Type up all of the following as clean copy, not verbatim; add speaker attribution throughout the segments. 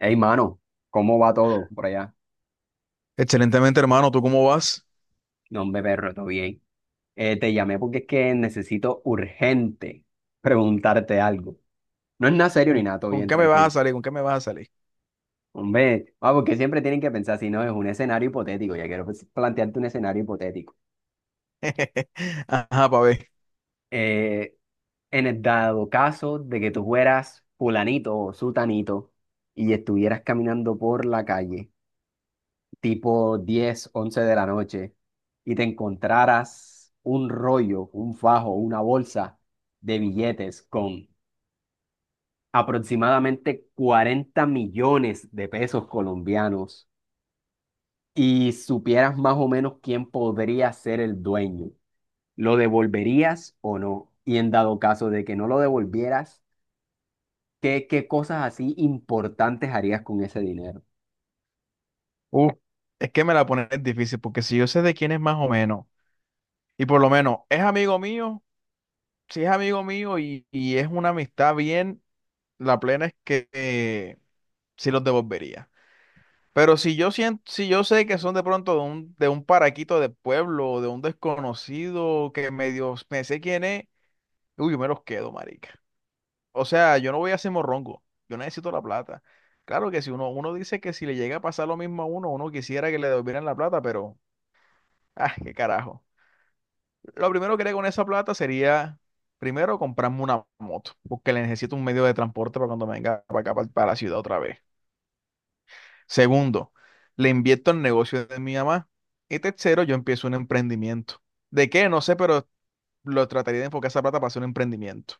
Speaker 1: Hey, mano, ¿cómo va todo por allá?
Speaker 2: Excelentemente, hermano. ¿Tú cómo vas?
Speaker 1: No, hombre, perro, todo bien. Te llamé porque es que necesito urgente preguntarte algo. No es nada serio ni
Speaker 2: ¿Con
Speaker 1: nada, todo
Speaker 2: con
Speaker 1: bien,
Speaker 2: qué me vas a
Speaker 1: tranquilo.
Speaker 2: salir? ¿Con qué me vas a salir?
Speaker 1: Hombre, porque siempre tienen que pensar si no es un escenario hipotético. Ya quiero pues, plantearte un escenario hipotético.
Speaker 2: Ajá, pa' ver.
Speaker 1: Eh, en el dado caso de que tú fueras fulanito o sutanito y estuvieras caminando por la calle tipo 10 11 de la noche y te encontraras un rollo, un fajo, una bolsa de billetes con aproximadamente 40 millones de pesos colombianos y supieras más o menos quién podría ser el dueño, ¿lo devolverías o no? Y en dado caso de que no lo devolvieras, ¿qué cosas así importantes harías con ese dinero?
Speaker 2: Uh, es que me la pones difícil, porque si yo sé de quién es más o menos, y por lo menos es amigo mío, si es amigo mío y es una amistad bien, la plena es que sí los devolvería. Pero si yo siento, si yo sé que son de pronto de un paraquito de pueblo, de un desconocido que medio me sé quién es, uy, yo me los quedo, marica. O sea, yo no voy a ser morrongo, yo necesito la plata. Claro que si uno dice que si le llega a pasar lo mismo a uno, uno quisiera que le devolvieran la plata, pero, ah, qué carajo. Lo primero que haría con esa plata sería, primero, comprarme una moto, porque le necesito un medio de transporte para cuando venga para acá, para la ciudad otra vez. Segundo, le invierto en el negocio de mi mamá. Y tercero, yo empiezo un emprendimiento. ¿De qué? No sé, pero lo trataría de enfocar esa plata para hacer un emprendimiento.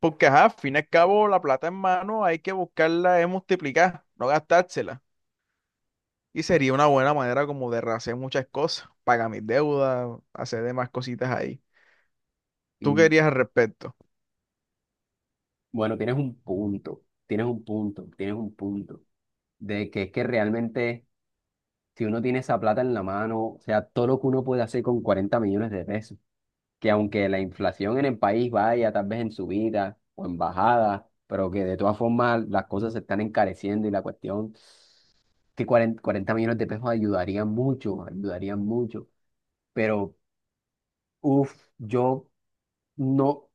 Speaker 2: Porque, ajá, al fin y al cabo, la plata en mano hay que buscarla, es multiplicar, no gastársela. Y sería una buena manera como de rehacer muchas cosas, pagar mis deudas, hacer demás cositas ahí. ¿Tú
Speaker 1: Mm.
Speaker 2: querías al respecto?
Speaker 1: Bueno, tienes un punto, tienes un punto, tienes un punto. De que es que realmente si uno tiene esa plata en la mano, o sea, todo lo que uno puede hacer con 40 millones de pesos, que aunque la inflación en el país vaya tal vez en subida o en bajada, pero que de todas formas las cosas se están encareciendo y la cuestión, que cuarenta millones de pesos ayudarían mucho, pero uff, yo no,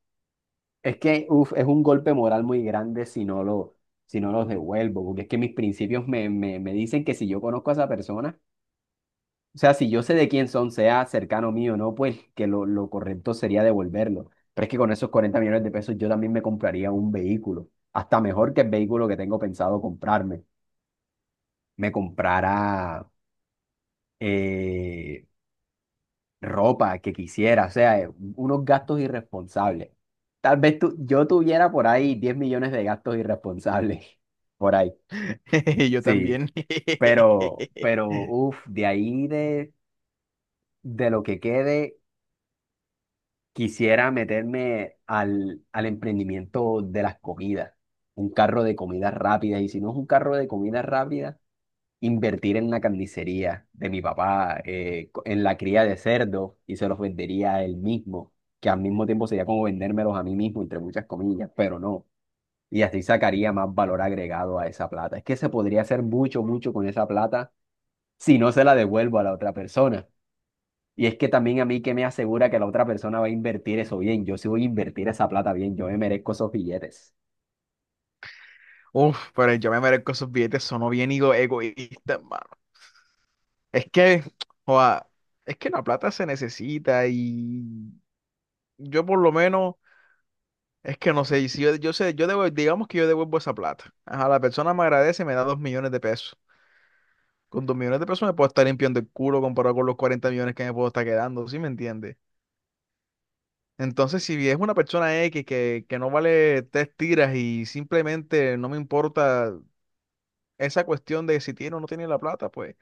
Speaker 1: es que uff, es un golpe moral muy grande si no lo... si no los devuelvo, porque es que mis principios me dicen que si yo conozco a esa persona. O sea, si yo sé de quién son, sea cercano mío o no, pues que lo correcto sería devolverlo. Pero es que con esos 40 millones de pesos yo también me compraría un vehículo, hasta mejor que el vehículo que tengo pensado comprarme. Me comprara eh, ropa que quisiera, o sea, unos gastos irresponsables. Tal vez tú, yo tuviera por ahí 10 millones de gastos irresponsables, por ahí.
Speaker 2: Yo
Speaker 1: Sí,
Speaker 2: también.
Speaker 1: pero, uff, de ahí de lo que quede. Quisiera meterme al emprendimiento de las comidas, un carro de comidas rápidas, y si no es un carro de comidas rápidas, invertir en una carnicería de mi papá, co- en la cría de cerdos, y se los vendería a él mismo, que al mismo tiempo sería como vendérmelos a mí mismo, entre muchas comillas, pero no. Y así sacaría más valor agregado a esa plata. Es que se podría hacer mucho, mucho con esa plata si no se la devuelvo a la otra persona. Y es que también a mí que me asegura que la otra persona va a invertir eso bien. Yo sí voy a invertir esa plata bien. Yo me merezco esos billetes.
Speaker 2: Uf, pero yo me merezco esos billetes, sonó bien egoísta, hermano. Es que, joa, es que la plata se necesita y yo por lo menos. Es que no sé, y si yo sé, digamos que yo devuelvo esa plata. Ajá, la persona me agradece y me da 2 millones de pesos. Con 2 millones de pesos me puedo estar limpiando el culo comparado con los 40 millones que me puedo estar quedando, ¿sí me entiendes? Entonces, si es una persona X que no vale tres tiras y simplemente no me importa esa cuestión de si tiene o no tiene la plata, pues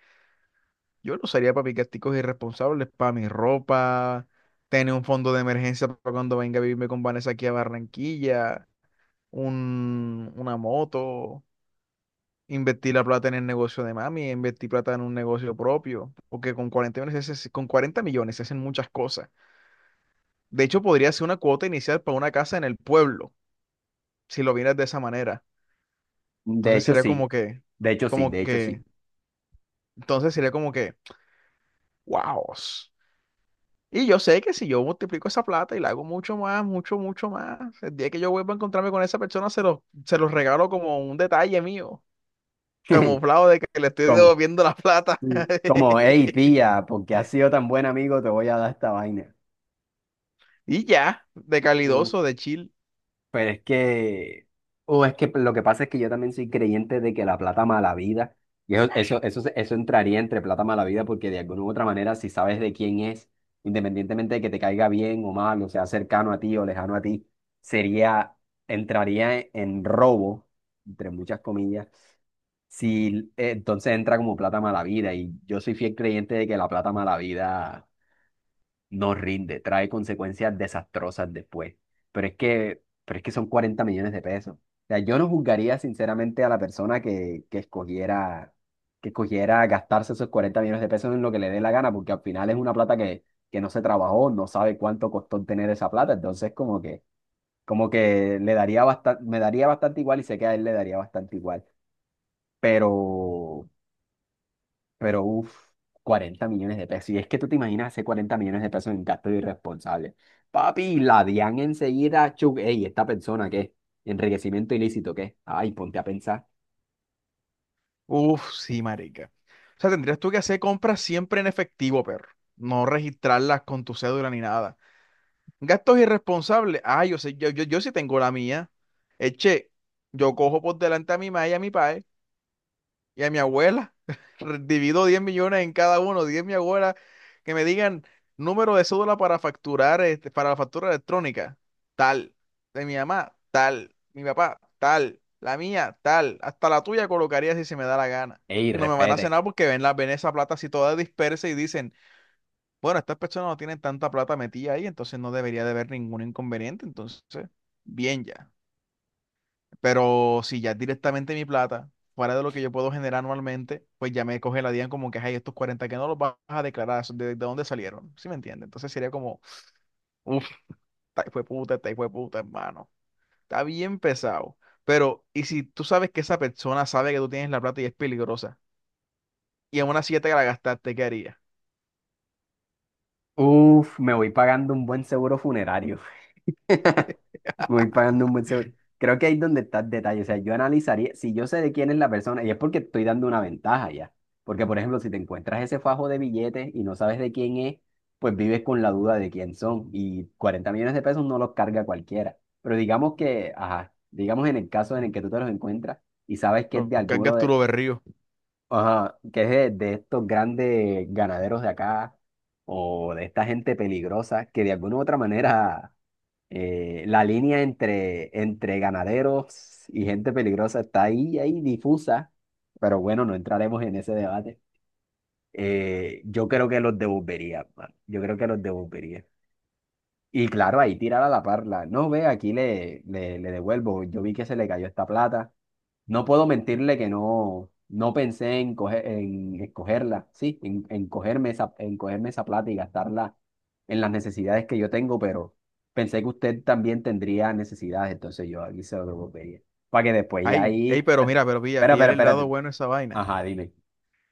Speaker 2: yo lo usaría para picasticos irresponsables, para mi ropa, tener un fondo de emergencia para cuando venga a vivirme con Vanessa aquí a Barranquilla, un, una moto. Invertí la plata en el negocio de mami, invertí plata en un negocio propio, porque con 40 millones, con 40 millones se hacen muchas cosas. De hecho, podría ser una cuota inicial para una casa en el pueblo, si lo vieras de esa manera.
Speaker 1: De
Speaker 2: Entonces
Speaker 1: hecho,
Speaker 2: sería
Speaker 1: sí. De hecho, sí.
Speaker 2: como
Speaker 1: De hecho,
Speaker 2: que,
Speaker 1: sí.
Speaker 2: entonces sería como que, wow. Y yo sé que si yo multiplico esa plata y la hago mucho más, mucho, mucho más, el día que yo vuelva a encontrarme con esa persona, se los regalo como un detalle mío, camuflado de que le estoy
Speaker 1: Como,
Speaker 2: devolviendo la plata.
Speaker 1: sí. Como, hey, pilla, porque has sido tan buen amigo, te voy a dar esta vaina.
Speaker 2: Y ya, de
Speaker 1: Uf.
Speaker 2: calidoso, de chill.
Speaker 1: Pero es que, o es que lo que pasa es que yo también soy creyente de que la plata mala vida, y eso entraría entre plata mala vida, porque de alguna u otra manera, si sabes de quién es, independientemente de que te caiga bien o mal, o sea cercano a ti o lejano a ti, sería, entraría en robo, entre muchas comillas, si entonces entra como plata mala vida, y yo soy fiel creyente de que la plata mala vida no rinde, trae consecuencias desastrosas después. Pero es que son 40 millones de pesos. O sea, yo no juzgaría sinceramente a la persona que escogiera, que escogiera gastarse esos 40 millones de pesos en lo que le dé la gana, porque al final es una plata que no se trabajó, no sabe cuánto costó tener esa plata. Entonces, como que le daría bastante, me daría bastante igual y sé que a él le daría bastante igual. Pero, pero uff, 40 millones de pesos. Y es que tú te imaginas hacer 40 millones de pesos en gasto irresponsable. Papi, la DIAN enseguida, chuc, ey, esta persona qué, enriquecimiento ilícito qué. Ay, ponte a pensar.
Speaker 2: Uf, sí, marica. O sea, tendrías tú que hacer compras siempre en efectivo, perro. No registrarlas con tu cédula ni nada. Gastos irresponsables. Ah, yo sé, yo sí tengo la mía. Eche, yo cojo por delante a mi ma y a mi pa, y a mi abuela. Divido 10 millones en cada uno, 10 mi abuela, que me digan número de cédula para facturar, este, para la factura electrónica, tal, de mi mamá, tal, mi papá, tal, la mía, tal, hasta la tuya colocaría si se me da la gana.
Speaker 1: Ey,
Speaker 2: Y no me van a
Speaker 1: respete.
Speaker 2: cenar porque ven, la, ven esa plata así toda dispersa y dicen, bueno, estas personas no tienen tanta plata metida ahí, entonces no debería de haber ningún inconveniente, entonces, bien ya. Pero si ya es directamente mi plata, fuera de lo que yo puedo generar anualmente, pues ya me coge la DIAN como que, ay, estos 40 que no los vas a declarar, ¿de dónde salieron? ¿Sí me entiende? Entonces sería como, uff, esta hijo de puta, esta hijo de puta, hermano. Está bien pesado. Pero, ¿y si tú sabes que esa persona sabe que tú tienes la plata y es peligrosa? Y aún así ya te la gastaste, ¿qué harías?
Speaker 1: Uff, me voy pagando un buen seguro funerario. Voy pagando un buen seguro. Creo que ahí es donde está el detalle. O sea, yo analizaría, si yo sé de quién es la persona, y es porque estoy dando una ventaja ya. Porque, por ejemplo, si te encuentras ese fajo de billetes y no sabes de quién es, pues vives con la duda de quién son. Y 40 millones de pesos no los carga cualquiera. Pero digamos que, ajá, digamos en el caso en el que tú te los encuentras y sabes que es
Speaker 2: Lo
Speaker 1: de alguno
Speaker 2: cargas tú
Speaker 1: de,
Speaker 2: lo berrío.
Speaker 1: ajá, que es de estos grandes ganaderos de acá o de esta gente peligrosa que de alguna u otra manera la línea entre ganaderos y gente peligrosa está ahí, ahí difusa, pero bueno, no entraremos en ese debate. Yo creo que los devolvería, mano. Yo creo que los devolvería. Y claro, ahí tirar a la parla. No, ve, aquí le devuelvo. Yo vi que se le cayó esta plata. No puedo mentirle que no, no pensé en, coger, en escogerla, sí, en cogerme esa, en cogerme esa plata y gastarla en las necesidades que yo tengo, pero pensé que usted también tendría necesidades, entonces yo aquí se lo pedía. Para que después ya
Speaker 2: Ay, ey,
Speaker 1: ahí.
Speaker 2: pero
Speaker 1: Ah.
Speaker 2: mira, pero pilla,
Speaker 1: Espera,
Speaker 2: pillar
Speaker 1: espera,
Speaker 2: el lado
Speaker 1: espérate.
Speaker 2: bueno a esa vaina.
Speaker 1: Ajá, dime.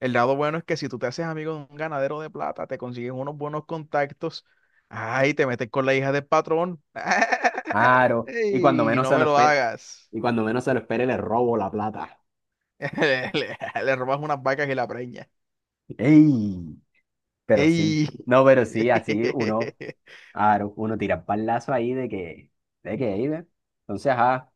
Speaker 2: El lado bueno es que si tú te haces amigo de un ganadero de plata, te consigues unos buenos contactos. Ay, te metes con la hija del patrón.
Speaker 1: Claro. Y cuando
Speaker 2: Ey,
Speaker 1: menos
Speaker 2: no
Speaker 1: se lo
Speaker 2: me lo
Speaker 1: espere,
Speaker 2: hagas.
Speaker 1: y cuando menos se lo espere, le robo la plata.
Speaker 2: Le, le- le robas unas vacas y la preña.
Speaker 1: ¡Ey! Pero sí,
Speaker 2: Ey.
Speaker 1: no, pero sí, así uno, claro, uno tira palazo ahí de que, ahí, ¿ve? Entonces, ajá,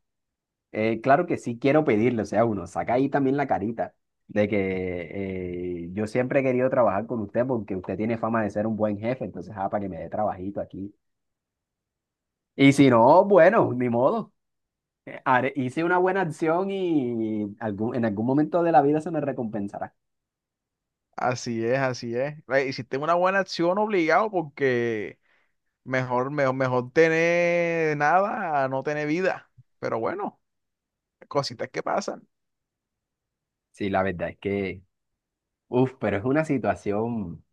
Speaker 1: claro que sí quiero pedirle, o sea, uno saca ahí también la carita de que yo siempre he querido trabajar con usted porque usted tiene fama de ser un buen jefe, entonces, ajá, para que me dé trabajito aquí. Y si no, bueno, ni modo, hice una buena acción y algún, en algún momento de la vida se me recompensará.
Speaker 2: Así es, así es. Ey, hiciste una buena acción obligado porque mejor, mejor, mejor tener nada a no tener vida. Pero bueno, cositas que pasan.
Speaker 1: Sí, la verdad es que, uff, pero es una situación.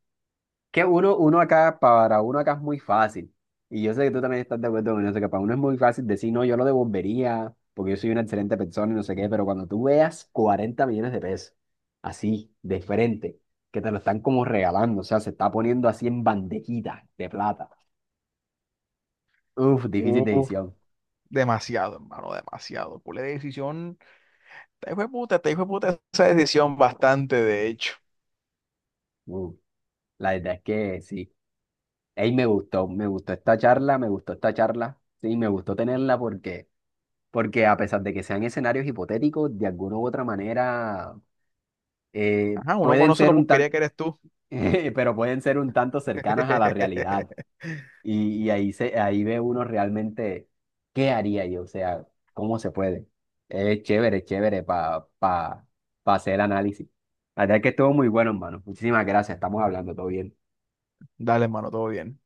Speaker 1: Que uno, uno acá, para uno acá es muy fácil. Y yo sé que tú también estás de acuerdo con eso, que para uno es muy fácil decir, no, yo lo devolvería, porque yo soy una excelente persona y no sé qué, pero cuando tú veas 40 millones de pesos, así, de frente, que te lo están como regalando, o sea, se está poniendo así en bandejita de plata. Uf, difícil
Speaker 2: Uf,
Speaker 1: decisión.
Speaker 2: demasiado, hermano, demasiado. Pura decisión. Te hijo de puta, te hijo de puta esa decisión bastante, de hecho.
Speaker 1: Uf, la verdad es que sí. Ey, me gustó esta charla, me gustó esta charla. Sí, me gustó tenerla porque, porque a pesar de que sean escenarios hipotéticos, de alguna u otra manera
Speaker 2: Ajá, uno
Speaker 1: pueden
Speaker 2: conoce
Speaker 1: ser
Speaker 2: la
Speaker 1: un
Speaker 2: porquería
Speaker 1: tan,
Speaker 2: que eres tú.
Speaker 1: pero pueden ser un tanto cercanas a la realidad. Y ahí se, ahí ve uno realmente qué haría yo, o sea, cómo se puede. Es chévere, chévere para pa hacer el análisis. La verdad es que estuvo muy bueno, hermano. Muchísimas gracias, estamos hablando, todo bien.
Speaker 2: Dale, hermano, todo bien.